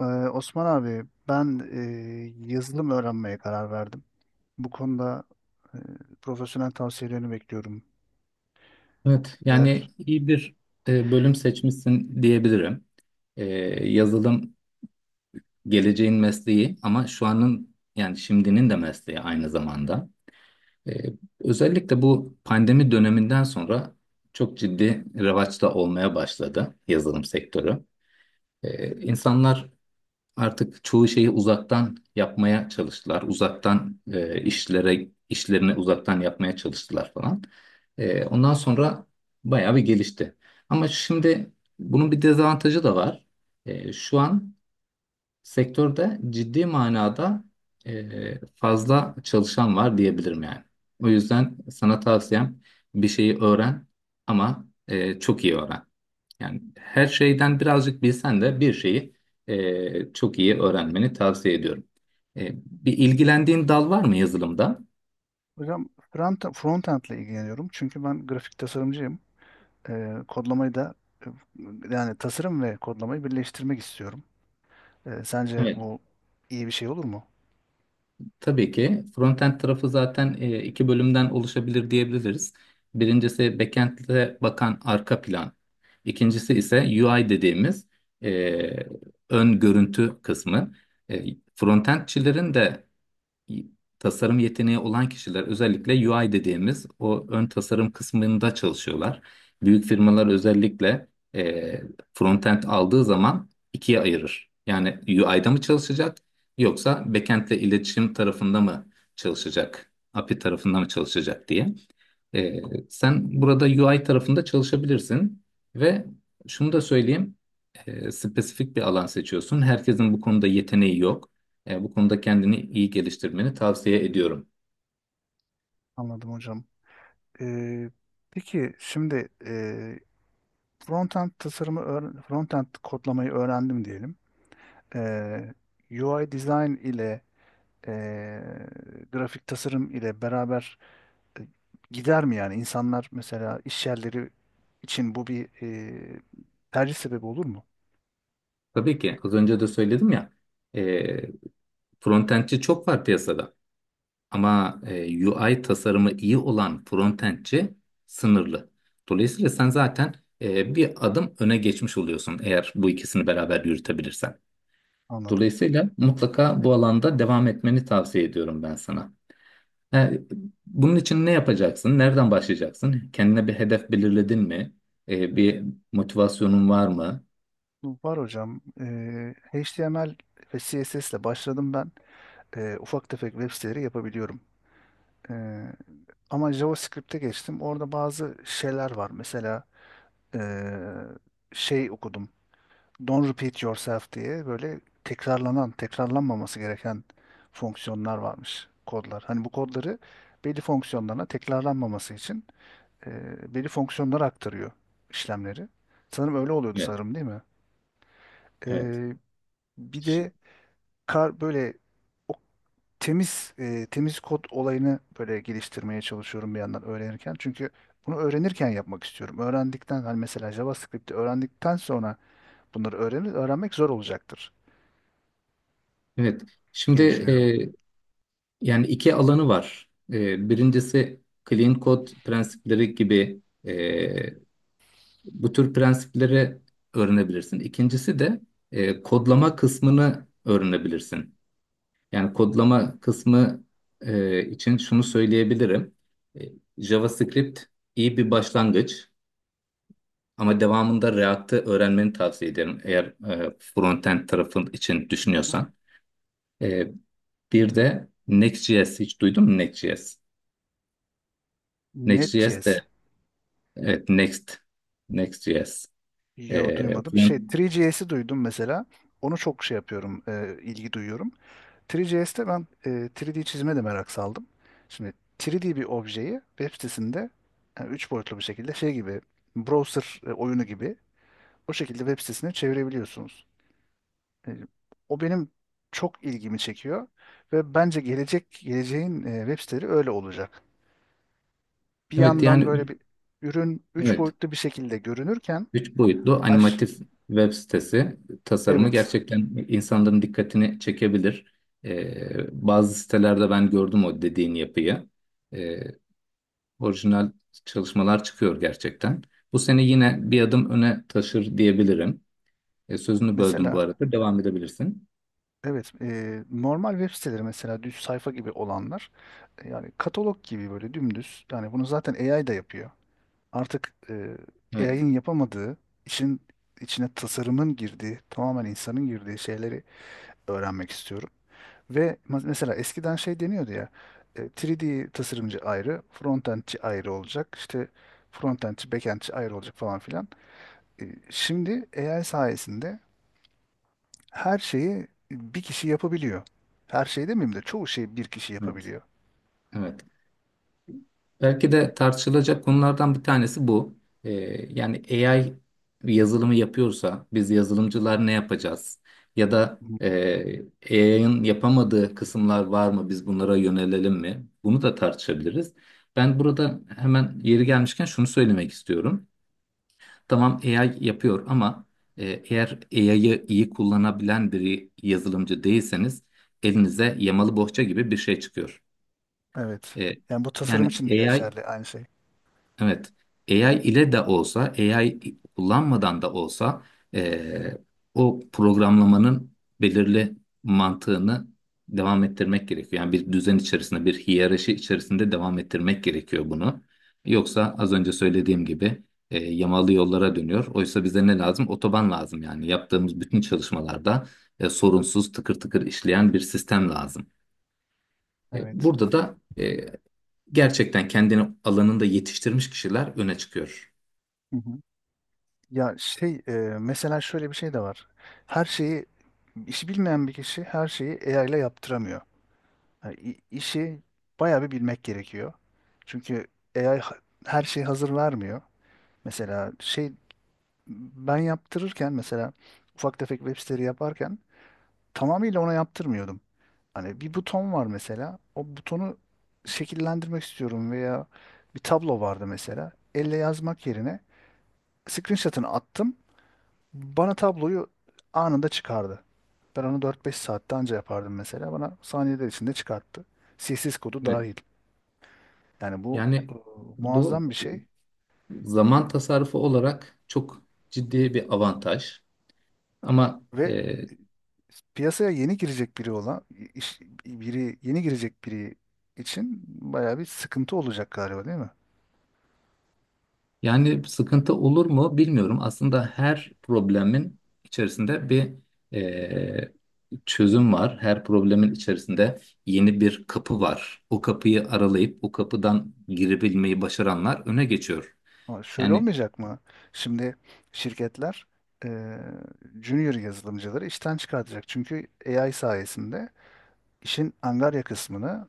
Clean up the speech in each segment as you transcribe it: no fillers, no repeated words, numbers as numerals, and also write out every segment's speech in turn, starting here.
Ee, Osman abi ben yazılım öğrenmeye karar verdim. Bu konuda e, profesyonel tavsiyelerini bekliyorum. Evet, yani Neler? iyi bir bölüm seçmişsin diyebilirim. E, Yazılım geleceğin mesleği ama şu anın yani şimdinin de mesleği aynı zamanda. E, Özellikle bu pandemi döneminden sonra çok ciddi revaçta olmaya başladı yazılım sektörü. İnsanlar artık çoğu şeyi uzaktan yapmaya çalıştılar. Uzaktan işlere işlerini uzaktan yapmaya çalıştılar falan. Ondan sonra bayağı bir gelişti. Ama şimdi bunun bir dezavantajı da var. Şu an sektörde ciddi manada fazla çalışan var diyebilirim yani. O yüzden sana tavsiyem bir şeyi öğren ama çok iyi öğren. Yani her şeyden birazcık bilsen de bir şeyi çok iyi öğrenmeni tavsiye ediyorum. Bir ilgilendiğin dal var mı yazılımda? Hocam frontend ile ilgileniyorum. Çünkü ben grafik tasarımcıyım. Kodlamayı da e, yani tasarım ve kodlamayı birleştirmek istiyorum. Sence Evet. bu iyi bir şey olur mu? Tabii ki frontend tarafı zaten iki bölümden oluşabilir diyebiliriz. Birincisi backend'e bakan arka plan. İkincisi ise UI dediğimiz e, ön görüntü kısmı. E, Frontendçilerin de tasarım yeteneği olan kişiler özellikle UI dediğimiz o ön tasarım kısmında çalışıyorlar. Büyük firmalar özellikle e, frontend aldığı zaman ikiye ayırır. Yani UI'da mı çalışacak yoksa backend'le iletişim tarafında mı çalışacak, API tarafında mı çalışacak diye. E, Sen burada UI tarafında çalışabilirsin ve şunu da söyleyeyim, spesifik bir alan seçiyorsun. Herkesin bu konuda yeteneği yok. Bu konuda kendini iyi geliştirmeni tavsiye ediyorum. Anladım hocam. Ee, peki şimdi frontend frontend kodlamayı öğrendim diyelim. Ee, UI design ile e, grafik tasarım ile beraber e, gider mi yani? İnsanlar mesela iş yerleri için bu bir tercih sebebi olur mu? Tabii ki az önce de söyledim ya, e, frontendçi çok var piyasada ama UI tasarımı iyi olan frontendçi sınırlı. Dolayısıyla sen zaten bir adım öne geçmiş oluyorsun eğer bu ikisini beraber yürütebilirsen. Anladım. Dolayısıyla mutlaka bu alanda devam etmeni tavsiye ediyorum ben sana. E, Bunun için ne yapacaksın? Nereden başlayacaksın? Kendine bir hedef belirledin mi? Bir motivasyonun var mı? Var hocam. HTML ve CSS ile başladım ben. Ufak tefek web siteleri yapabiliyorum. E, Ama JavaScript'e geçtim. Orada bazı şeyler var. Mesela e, şey okudum. Don't repeat yourself diye böyle tekrarlanan, tekrarlanmaması gereken fonksiyonlar varmış kodlar. Hani bu kodları belli fonksiyonlarına tekrarlanmaması için belli fonksiyonlara aktarıyor işlemleri. Sanırım öyle oluyordu Evet, sanırım değil mi? evet. E, Bir Ş- de kar böyle o temiz kod olayını böyle geliştirmeye çalışıyorum bir yandan öğrenirken. Çünkü bunu öğrenirken yapmak istiyorum. Öğrendikten hani mesela JavaScript'i öğrendikten sonra bunları öğrenmek zor olacaktır Evet. Şimdi diye düşünüyorum. Yani iki alanı var. Birincisi clean code prensipleri gibi, bu tür prensipleri öğrenebilirsin. İkincisi de kodlama kısmını öğrenebilirsin. Yani kodlama kısmı için şunu söyleyebilirim. E, JavaScript iyi bir başlangıç ama devamında React'ı öğrenmeni tavsiye ederim eğer frontend tarafın için Hı. düşünüyorsan. E, Bir de Next.js hiç duydun mu, Next.js? Next.js de, Net.js. evet, Next, Next.js. Ee, Yo, duymadım. Şey, fren- 3JS'i duydum mesela. Onu çok şey yapıyorum, ilgi duyuyorum. 3JS'te ben 3D çizime de merak saldım. Şimdi 3D bir objeyi web sitesinde, yani 3 boyutlu bir şekilde, şey gibi, browser oyunu gibi, o şekilde web sitesine çevirebiliyorsunuz. E, O benim çok ilgimi çekiyor ve bence geleceğin web siteleri öyle olacak. Bir evet yandan böyle yani, bir ürün üç evet, boyutlu bir şekilde görünürken. üç boyutlu aş animatif web sitesi tasarımı evet, gerçekten insanların dikkatini çekebilir. Bazı sitelerde ben gördüm o dediğin yapıyı. Ee, Orijinal çalışmalar çıkıyor gerçekten. Bu seni yine bir adım öne taşır diyebilirim. Sözünü böldüm bu mesela arada. Devam edebilirsin. evet, normal web siteleri, mesela düz sayfa gibi olanlar, yani katalog gibi böyle dümdüz, yani bunu zaten AI da yapıyor. Artık Evet. AI'ın yapamadığı, işin içine tasarımın girdiği, tamamen insanın girdiği şeyleri öğrenmek istiyorum. Ve mesela eskiden şey deniyordu ya, 3D tasarımcı ayrı, frontendçi ayrı olacak, işte frontendçi, backendçi ayrı olacak falan filan. Şimdi AI sayesinde her şeyi bir kişi yapabiliyor. Her şey demeyeyim de çoğu şeyi bir kişi Evet. yapabiliyor. Evet. Belki de tartışılacak konulardan bir tanesi bu. Ee, Yani AI bir yazılımı yapıyorsa biz yazılımcılar ne yapacağız? Ya da Hı hı. AI'ın yapamadığı kısımlar var mı? Biz bunlara yönelelim mi? Bunu da tartışabiliriz. Ben burada hemen yeri gelmişken şunu söylemek istiyorum. Tamam, AI yapıyor ama eğer AI'yı iyi kullanabilen bir yazılımcı değilseniz elinize yamalı bohça gibi bir şey çıkıyor. Evet. Yani bu tasarım E, için de yani AI geçerli aynı şey. Evet. AI ile de olsa, AI kullanmadan da olsa eee, o programlamanın belirli mantığını devam ettirmek gerekiyor. Yani bir düzen içerisinde, bir hiyerarşi içerisinde devam ettirmek gerekiyor bunu. Yoksa az önce söylediğim gibi, yamalı yollara dönüyor. Oysa bize ne lazım? Otoban lazım yani. Yaptığımız bütün çalışmalarda sorunsuz, tıkır tıkır işleyen bir sistem lazım. Evet. Burada da gerçekten kendini alanında yetiştirmiş kişiler öne çıkıyor. Hı hı. Ya şey e, Mesela şöyle bir şey de var. Her şeyi işi bilmeyen bir kişi her şeyi AI ile yaptıramıyor. Yani işi bayağı bir bilmek gerekiyor. Çünkü AI her şeyi hazır vermiyor. Mesela şey, ben yaptırırken mesela ufak tefek web siteleri yaparken tamamıyla ona yaptırmıyordum. Hani bir buton var mesela. O butonu şekillendirmek istiyorum veya bir tablo vardı mesela. Elle yazmak yerine screenshot'ını attım. Bana tabloyu anında çıkardı. Ben onu dört beş saatte anca yapardım mesela. Bana saniyeler içinde çıkarttı. CSS kodu Evet. dahil. Yani bu e, Yani bu muazzam bir şey zaman tasarrufu olarak çok ciddi bir avantaj. Ama ve e, e, piyasaya yeni girecek biri olan, iş- biri, yeni girecek biri için bayağı bir sıkıntı olacak galiba değil mi? yani sıkıntı olur mu bilmiyorum. Aslında her problemin içerisinde bir e, çözüm var. Her problemin içerisinde yeni bir kapı var. O kapıyı aralayıp o kapıdan girebilmeyi başaranlar öne geçiyor. Ama şöyle Yani, olmayacak mı? Şimdi şirketler e, junior yazılımcıları işten çıkartacak. Çünkü AI sayesinde işin angarya kısmını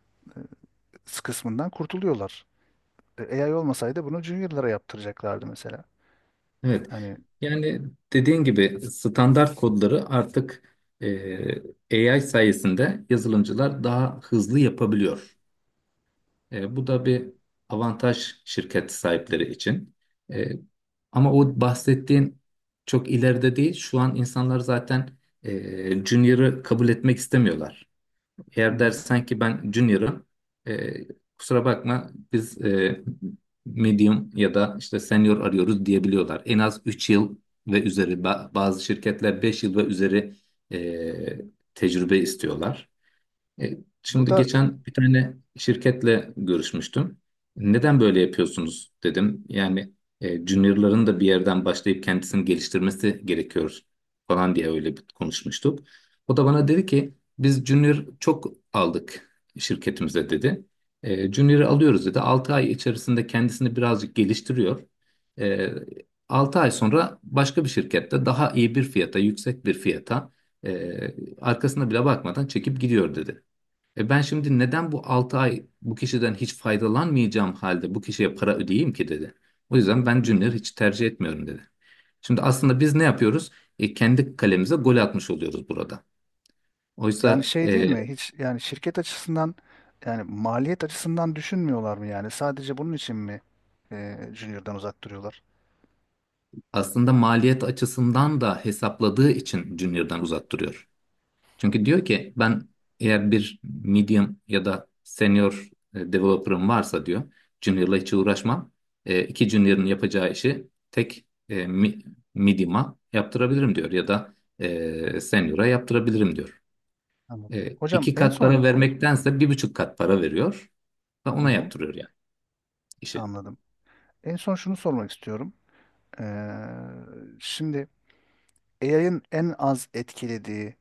e, kısmından kurtuluyorlar. AI olmasaydı bunu juniorlara yaptıracaklardı mesela. evet. Yani Yani dediğin gibi standart kodları artık AI sayesinde yazılımcılar daha hızlı yapabiliyor. Bu da bir avantaj şirket sahipleri için. E, Ama o bahsettiğin çok ileride değil. Şu an insanlar zaten Junior'ı kabul etmek istemiyorlar. Hı Eğer hı. dersen ki ben junior'ım, e, kusura bakma, biz medium ya da işte senior arıyoruz diyebiliyorlar. En az 3 yıl ve üzeri, bazı şirketler 5 yıl ve üzeri e, tecrübe istiyorlar. E, Şimdi burada geçen bir tane şirketle görüşmüştüm. Neden böyle yapıyorsunuz dedim. Yani juniorların da bir yerden başlayıp kendisini geliştirmesi gerekiyor falan diye öyle bir konuşmuştuk. O da bana dedi ki biz junior çok aldık şirketimize, dedi. Junior'ı alıyoruz dedi. 6 ay içerisinde kendisini birazcık geliştiriyor. E, 6 ay sonra başka bir şirkette daha iyi bir fiyata, yüksek bir fiyata e, arkasına bile bakmadan çekip gidiyor dedi. Ben şimdi neden bu 6 ay bu kişiden hiç faydalanmayacağım halde bu kişiye para ödeyeyim ki dedi. O yüzden ben Junior'ı Hı. hiç tercih etmiyorum dedi. Şimdi aslında biz ne yapıyoruz? Kendi kalemize gol atmış oluyoruz burada. Yani Oysa şey, değil mi? Hiç, yani şirket açısından, yani maliyet açısından düşünmüyorlar mı yani? Sadece bunun için mi Junior'dan uzak duruyorlar? aslında maliyet açısından da hesapladığı için Junior'dan uzak duruyor. Çünkü diyor ki ben eğer bir medium ya da senior developer'ım varsa diyor, junior'la hiç uğraşmam. İki junior'ın yapacağı işi tek medium'a yaptırabilirim diyor ya da senior'a yaptırabilirim diyor. Anladım. Hocam, İki en kat para son, vermektense 1,5 kat para veriyor ve hı ona hı, yaptırıyor yani işi. anladım. En son şunu sormak istiyorum. Ee, Şimdi AI'ın en az etkilediği,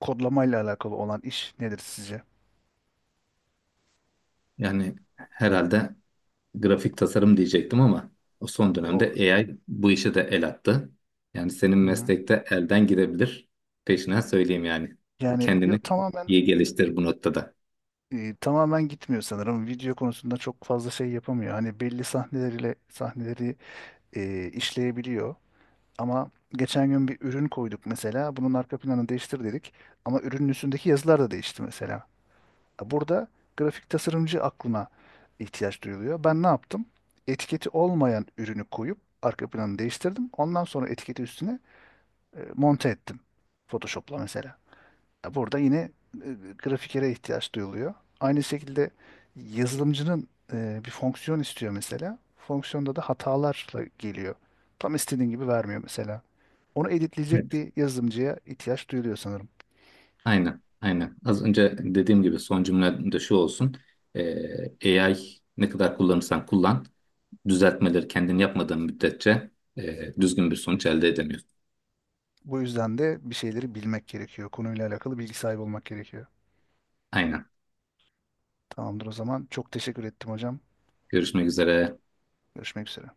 kodlamayla alakalı olan iş nedir sizce? Yani herhalde grafik tasarım diyecektim ama o son E, O, dönemde AI bu işe de el attı. Yani senin Hı hı. meslekte elden gidebilir. Peşine söyleyeyim yani. Yani yo, Kendini iyi geliştir bu noktada. Tamamen gitmiyor sanırım. Video konusunda çok fazla şey yapamıyor. Hani belli sahneleri işleyebiliyor. Ama geçen gün bir ürün koyduk mesela. Bunun arka planını değiştir dedik. Ama ürünün üstündeki yazılar da değişti mesela. Burada grafik tasarımcı aklına ihtiyaç duyuluyor. Ben ne yaptım? Etiketi olmayan ürünü koyup arka planını değiştirdim. Ondan sonra etiketi üstüne monte ettim. Photoshop'la mesela. Ya, burada yine e, grafikere ihtiyaç duyuluyor. Aynı şekilde yazılımcının bir fonksiyon istiyor mesela. Fonksiyonda da hatalarla geliyor. Tam istediğin gibi vermiyor mesela. Onu editleyecek Evet. bir yazılımcıya ihtiyaç duyuluyor sanırım. Aynen, aynen. Az önce dediğim gibi son cümle de şu olsun. AI ne kadar kullanırsan kullan, düzeltmeleri kendin yapmadığın müddetçe düzgün bir sonuç elde edemiyorsun. Bu yüzden de bir şeyleri bilmek gerekiyor. Konuyla alakalı bilgi sahibi olmak gerekiyor. Aynen. Tamamdır o zaman. Çok teşekkür ettim hocam. Görüşmek üzere. Görüşmek üzere.